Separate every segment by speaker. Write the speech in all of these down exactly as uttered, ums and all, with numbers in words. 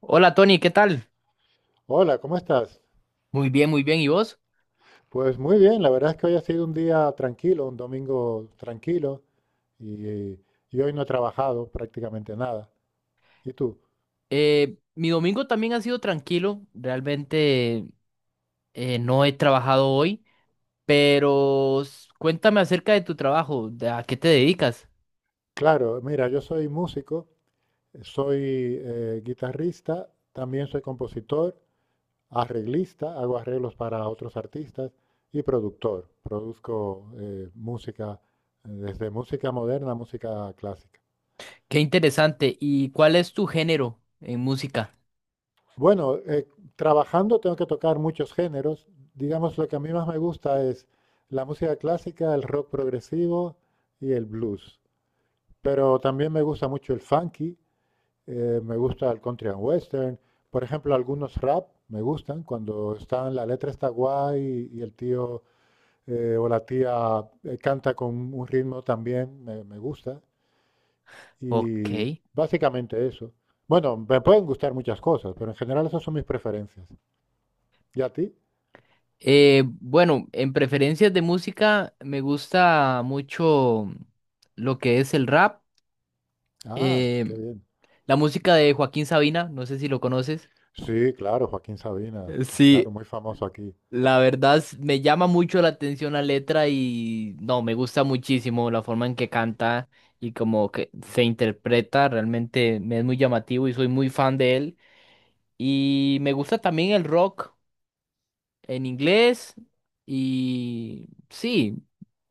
Speaker 1: Hola Tony, ¿qué tal?
Speaker 2: Hola, ¿cómo estás?
Speaker 1: Muy bien, muy bien. ¿Y vos?
Speaker 2: Pues muy bien, la verdad es que hoy ha sido un día tranquilo, un domingo tranquilo y, y hoy no he trabajado prácticamente nada. ¿Y tú?
Speaker 1: Eh, mi domingo también ha sido tranquilo. Realmente eh, no he trabajado hoy, pero s- cuéntame acerca de tu trabajo, de a qué te dedicas.
Speaker 2: Claro, mira, yo soy músico, soy eh, guitarrista, también soy compositor, arreglista, hago arreglos para otros artistas y productor. Produzco eh, música, eh, desde música moderna a música clásica.
Speaker 1: Qué interesante. ¿Y cuál es tu género en música?
Speaker 2: Bueno, eh, trabajando tengo que tocar muchos géneros. Digamos, lo que a mí más me gusta es la música clásica, el rock progresivo y el blues. Pero también me gusta mucho el funky, eh, me gusta el country and western. Por ejemplo, algunos rap me gustan cuando están, la letra está guay y, y el tío eh, o la tía eh, canta con un ritmo también, me, me gusta.
Speaker 1: Ok.
Speaker 2: Y básicamente eso. Bueno, me pueden gustar muchas cosas, pero en general esas son mis preferencias. ¿Y a ti?
Speaker 1: Eh, bueno, en preferencias de música me gusta mucho lo que es el rap,
Speaker 2: Ah,
Speaker 1: eh,
Speaker 2: qué bien.
Speaker 1: la música de Joaquín Sabina, no sé si lo conoces.
Speaker 2: Sí, claro, Joaquín Sabina, claro,
Speaker 1: Sí,
Speaker 2: muy famoso aquí.
Speaker 1: la verdad s- me llama mucho la atención la letra y no, me gusta muchísimo la forma en que canta y como que se interpreta, realmente me es muy llamativo y soy muy fan de él. Y me gusta también el rock en inglés y sí,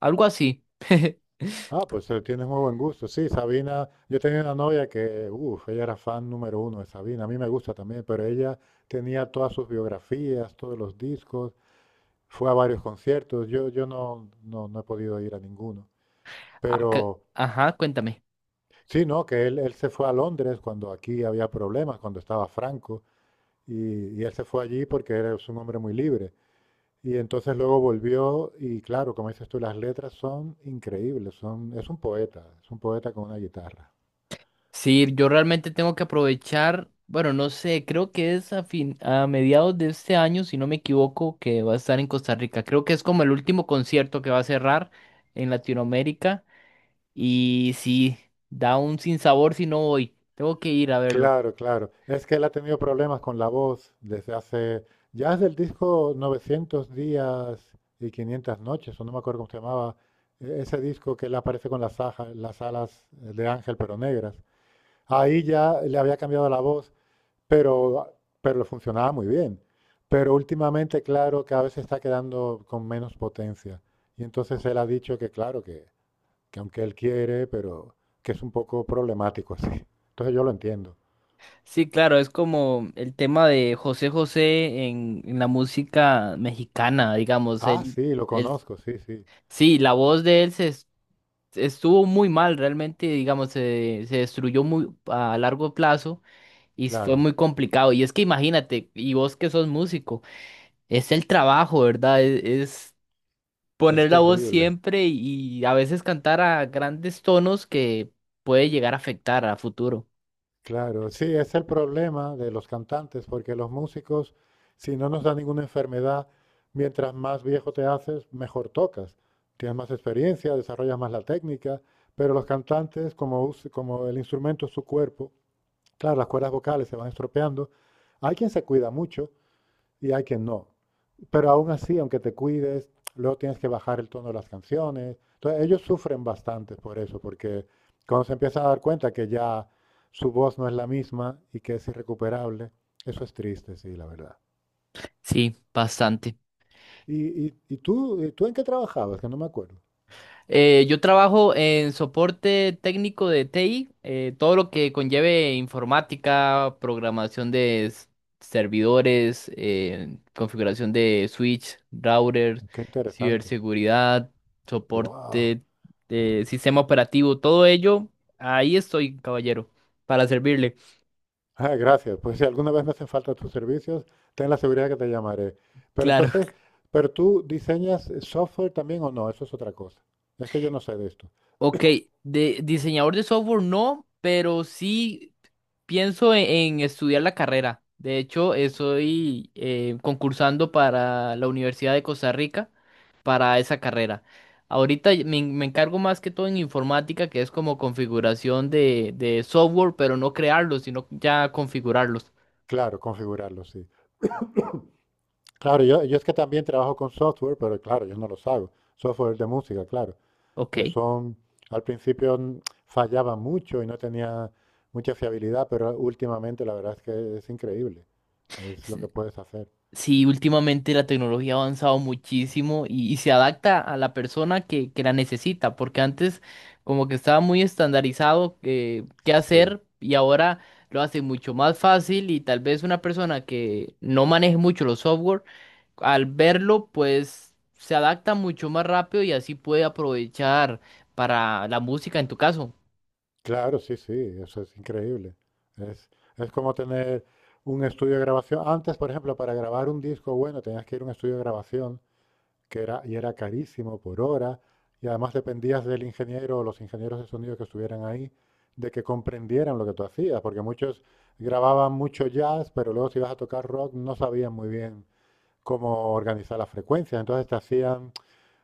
Speaker 1: algo así.
Speaker 2: Ah, pues eh, tienes muy buen gusto. Sí, Sabina, yo tenía una novia que, uff, ella era fan número uno de Sabina, a mí me gusta también, pero ella tenía todas sus biografías, todos los discos, fue a varios conciertos, yo, yo no, no, no he podido ir a ninguno.
Speaker 1: Acá-
Speaker 2: Pero
Speaker 1: Ajá, cuéntame.
Speaker 2: sí, no, que él, él se fue a Londres cuando aquí había problemas, cuando estaba Franco, y, y él se fue allí porque era es un hombre muy libre. Y entonces luego volvió y claro, como dices tú, las letras son increíbles, son, es un poeta, es un poeta con una guitarra.
Speaker 1: Sí, yo realmente tengo que aprovechar, bueno, no sé, creo que es a fin, a mediados de este año, si no me equivoco, que va a estar en Costa Rica. Creo que es como el último concierto que va a cerrar en Latinoamérica y sí, da un sinsabor si no voy. Tengo que ir a verlo.
Speaker 2: Claro, claro. Es que él ha tenido problemas con la voz desde hace, ya desde el disco novecientos días y quinientas noches, o no me acuerdo cómo se llamaba, e- ese disco que él aparece con las, aja- las alas eh, de ángel pero negras. Ahí ya le había cambiado la voz. Pero, pero le funcionaba muy bien. Pero últimamente, claro, cada vez se está quedando con menos potencia. Y entonces él ha dicho que, claro, que, que aunque él quiere, pero que es un poco problemático así. Entonces yo lo entiendo.
Speaker 1: Sí, claro, es como el tema de José José en, en la música mexicana, digamos,
Speaker 2: Ah,
Speaker 1: él,
Speaker 2: sí, lo
Speaker 1: él,
Speaker 2: conozco, sí, sí,
Speaker 1: sí, la voz de él se estuvo muy mal realmente, digamos, se, se destruyó muy a largo plazo y fue
Speaker 2: claro.
Speaker 1: muy complicado. Y es que imagínate, y vos que sos músico, es el trabajo, ¿verdad? Es, es
Speaker 2: Es
Speaker 1: poner la voz
Speaker 2: terrible.
Speaker 1: siempre y a veces cantar a grandes tonos que puede llegar a afectar a futuro.
Speaker 2: Claro, sí, es el problema de los cantantes, porque los músicos, si no nos da ninguna enfermedad, mientras más viejo te haces, mejor tocas. Tienes más experiencia, desarrollas más la técnica, pero los cantantes, como, us- como el instrumento es su cuerpo, claro, las cuerdas vocales se van estropeando. Hay quien se cuida mucho, y hay que no. Pero aún así, aunque te cuides, luego tienes que bajar el tono de las canciones. Entonces, ellos sufren bastante por eso, porque cuando se empiezan a dar cuenta que ya su voz no es la misma y que es irrecuperable, eso es triste, sí, la verdad.
Speaker 1: Sí, bastante.
Speaker 2: ¿Y, y, y tú, y tú en qué trabajabas? Que no me acuerdo.
Speaker 1: Eh, yo trabajo en soporte técnico de T I, eh, todo lo que conlleve informática, programación de s- servidores, eh, configuración de switch, routers,
Speaker 2: Qué interesante.
Speaker 1: ciberseguridad,
Speaker 2: ¡Wow!
Speaker 1: soporte de sistema operativo, todo ello. Ahí estoy, caballero, para servirle.
Speaker 2: Ah, gracias. Pues si alguna vez me hacen falta tus servicios, ten la seguridad que te llamaré. Pero
Speaker 1: Claro.
Speaker 2: entonces, ¿pero tú diseñas eh, software también o no? Eso es otra cosa. Es que yo no sé de esto.
Speaker 1: Ok, de diseñador de software no, pero sí. Pienso en, en estudiar la carrera. De hecho, estoy eh, concursando para la Universidad de Costa Rica para esa carrera. Ahorita y- me, en- me encargo más que todo en informática, que es como configuración de, de software, pero no crearlos, sino ya configurarlos.
Speaker 2: Claro, configurarlo, sí. Claro, yo, yo es que también trabajo con software, pero claro, yo no los hago. Software de música, claro,
Speaker 1: Ok.
Speaker 2: que son, al principio mm, fallaba mucho y no tenía mucha fiabilidad, pero últimamente la verdad es que es increíble. Es lo que puedes hacer.
Speaker 1: Sí, últimamente la tecnología ha avanzado muchísimo y, y se adapta a la persona que, que la necesita, porque antes como que estaba muy estandarizado eh, qué
Speaker 2: Sí,
Speaker 1: hacer y ahora lo hace mucho más fácil y tal vez una persona que no maneje mucho los software, al verlo pues se adapta mucho más rápido y así puede aprovechar para la música en tu caso.
Speaker 2: claro, sí, sí, eso es increíble. Es, es como tener un estudio de grabación. Antes, por ejemplo, para grabar un disco bueno tenías que ir a un estudio de grabación que era, y era carísimo por hora, y además dependías del ingeniero o los ingenieros de sonido que estuvieran ahí, de que comprendieran lo que tú hacías, porque muchos grababan mucho jazz, pero luego si ibas a tocar rock no sabían muy bien cómo organizar las frecuencias, entonces te hacían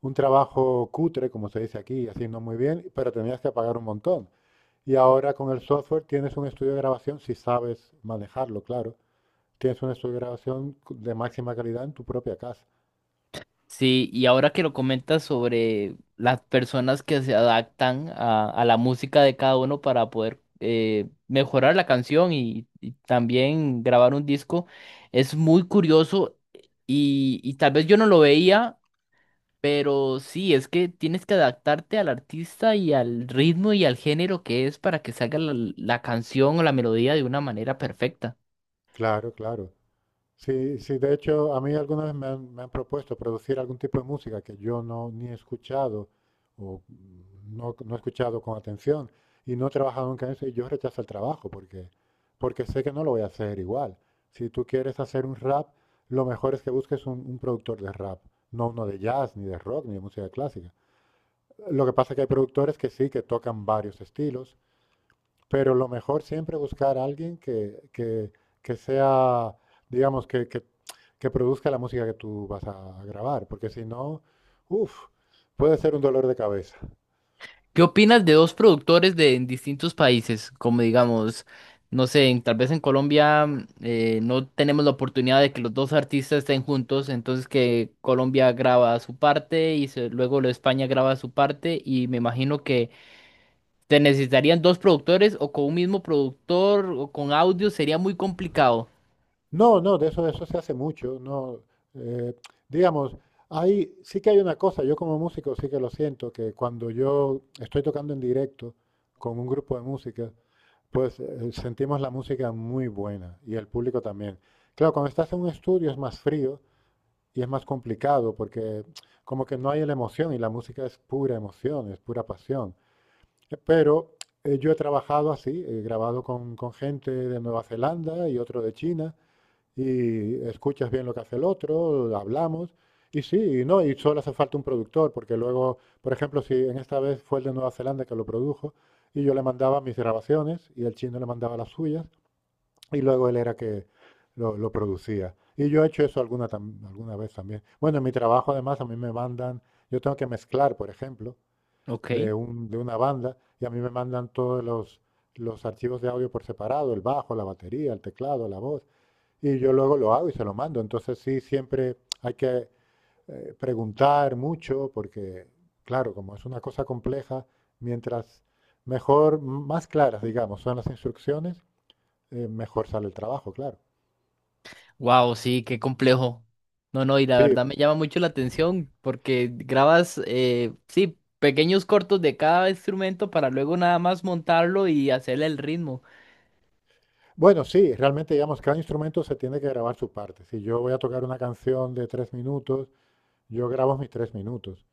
Speaker 2: un trabajo cutre, como se dice aquí, así no muy bien, pero tenías que pagar un montón. Y ahora con el software tienes un estudio de grabación, si sabes manejarlo, claro, tienes un estudio de grabación de máxima calidad en tu propia casa.
Speaker 1: Sí, y ahora que lo comentas sobre las personas que se adaptan a, a la música de cada uno para poder eh, mejorar la canción y, y también grabar un disco, es muy curioso y, y tal vez yo no lo veía, pero sí, es que tienes que adaptarte al artista y al ritmo y al género que es para que salga la la canción o la melodía de una manera perfecta.
Speaker 2: Claro, claro. Sí, sí, de hecho, a mí alguna vez me han, me han propuesto producir algún tipo de música que yo no ni he escuchado o no, no he escuchado con atención y no he trabajado nunca en eso y yo rechazo el trabajo porque, porque sé que no lo voy a hacer igual. Si tú quieres hacer un rap, lo mejor es que busques un, un productor de rap, no uno de jazz, ni de rock, ni de música clásica. Lo que pasa es que hay productores que sí, que tocan varios estilos pero lo mejor siempre buscar a alguien que, que- que sea, digamos, que, que- que produzca la música que tú vas a grabar, porque si no, uff, puede ser un dolor de cabeza.
Speaker 1: ¿Qué opinas de dos productores de en distintos países? Como digamos, no sé, en- tal vez en Colombia mm, eh, no tenemos la oportunidad de que los dos artistas estén juntos, entonces que Colombia graba su parte y se- luego lo de España graba su parte y me imagino que te necesitarían dos productores o con un mismo productor o con audio sería muy complicado.
Speaker 2: No, no, de eso, de eso se hace mucho, no, eh, digamos, hay, sí que hay una cosa, yo como músico sí que lo siento, que cuando yo estoy tocando en directo con un grupo de música, pues eh, sentimos la música muy buena y el público también. Claro, cuando estás en un estudio es más frío y es más complicado porque como que no hay la emoción y la música es pura emoción, es pura pasión. Eh, Pero eh, yo he trabajado así, he grabado con, con gente de Nueva Zelanda y otro de China y escuchas bien lo que hace el otro, hablamos y sí, y no, y solo hace falta un productor porque luego, por ejemplo, si en esta vez fue el de Nueva Zelanda que lo produjo y yo le mandaba mis grabaciones y el chino le mandaba las suyas y luego él era que lo, lo producía. Y yo he hecho eso alguna, tam- alguna vez también. Bueno, en mi trabajo además a mí me mandan, yo tengo que mezclar, por ejemplo,
Speaker 1: Ok.
Speaker 2: de un, de una banda y a mí me mandan todos los, los archivos de audio por separado, el bajo, la batería, el teclado, la voz, y yo luego lo hago y se lo mando. Entonces sí, siempre hay que eh, preguntar mucho porque, claro, como es una cosa compleja, mientras mejor, más claras, digamos, son las instrucciones, eh, mejor sale el trabajo, claro.
Speaker 1: Wow, sí, qué complejo. No, no, y la
Speaker 2: Sí,
Speaker 1: verdad me llama mucho la atención porque grabas, eh, sí, pequeños cortos de cada instrumento para luego nada más montarlo y hacerle el ritmo.
Speaker 2: bueno, sí, realmente, digamos, cada instrumento se tiene que grabar su parte. Si yo voy a tocar una canción de tres minutos, yo grabo mis tres minutos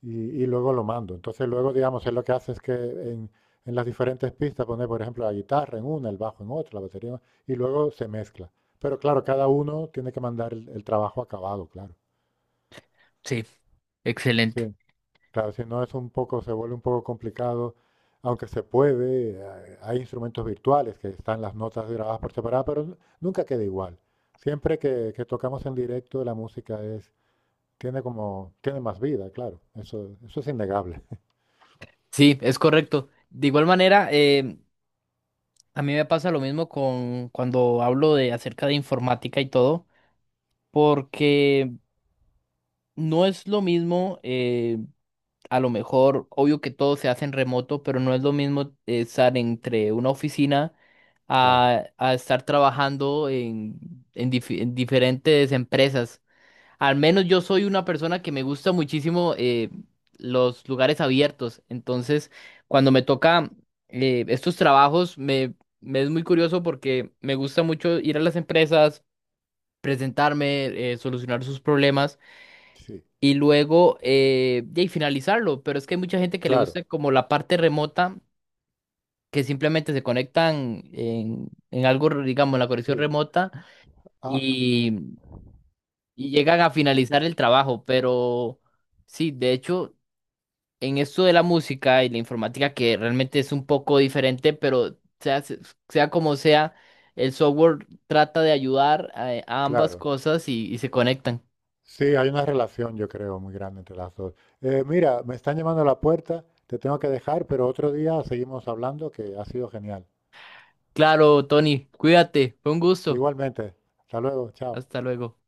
Speaker 2: y, y luego lo mando. Entonces, luego, digamos, él lo que hace es que en, en las diferentes pistas pone, por ejemplo, la guitarra en una, el bajo en otra, la batería, en otra, y luego se mezcla. Pero claro, cada uno tiene que mandar el, el trabajo acabado, claro.
Speaker 1: Sí, excelente.
Speaker 2: Sí, claro, si no es un poco, se vuelve un poco complicado, aunque se puede, eh, hay instrumentos virtuales que están las notas grabadas por separado, pero nu- nunca queda igual. Siempre que, que tocamos en directo, la música es, tiene como, tiene más vida, claro. Eso, eso es innegable.
Speaker 1: Sí, es correcto. De igual manera, eh, a mí me pasa lo mismo con cuando hablo de acerca de informática y todo, porque no es lo mismo. Eh, a lo mejor, obvio que todo se hace en remoto, pero no es lo mismo eh, estar entre una oficina
Speaker 2: Claro,
Speaker 1: a, a estar trabajando en, en dif- en diferentes empresas. Al menos yo soy una persona que me gusta muchísimo eh, los lugares abiertos. Entonces, cuando me toca eh, estos trabajos, me, me es muy curioso porque me gusta mucho ir a las empresas, presentarme, eh, solucionar sus problemas
Speaker 2: sí,
Speaker 1: y luego eh, de ahí finalizarlo. Pero es que hay mucha gente que le
Speaker 2: claro,
Speaker 1: gusta como la parte remota, que simplemente se conectan en, en algo, digamos, en la conexión
Speaker 2: sí.
Speaker 1: remota
Speaker 2: Ah,
Speaker 1: y, y llegan a finalizar el trabajo. Pero sí, de hecho, en esto de la música y la informática, que realmente es un poco diferente, pero sea, se- sea como sea, el software trata de ayudar a, a ambas
Speaker 2: claro.
Speaker 1: cosas y y se conectan.
Speaker 2: Sí, hay una relación, yo creo, muy grande entre las dos. Eh, mira, me están llamando a la puerta, te tengo que dejar, pero otro día seguimos hablando, que ha sido genial.
Speaker 1: Claro, Tony, cuídate, fue un gusto.
Speaker 2: Igualmente, hasta luego, chao.
Speaker 1: Hasta luego.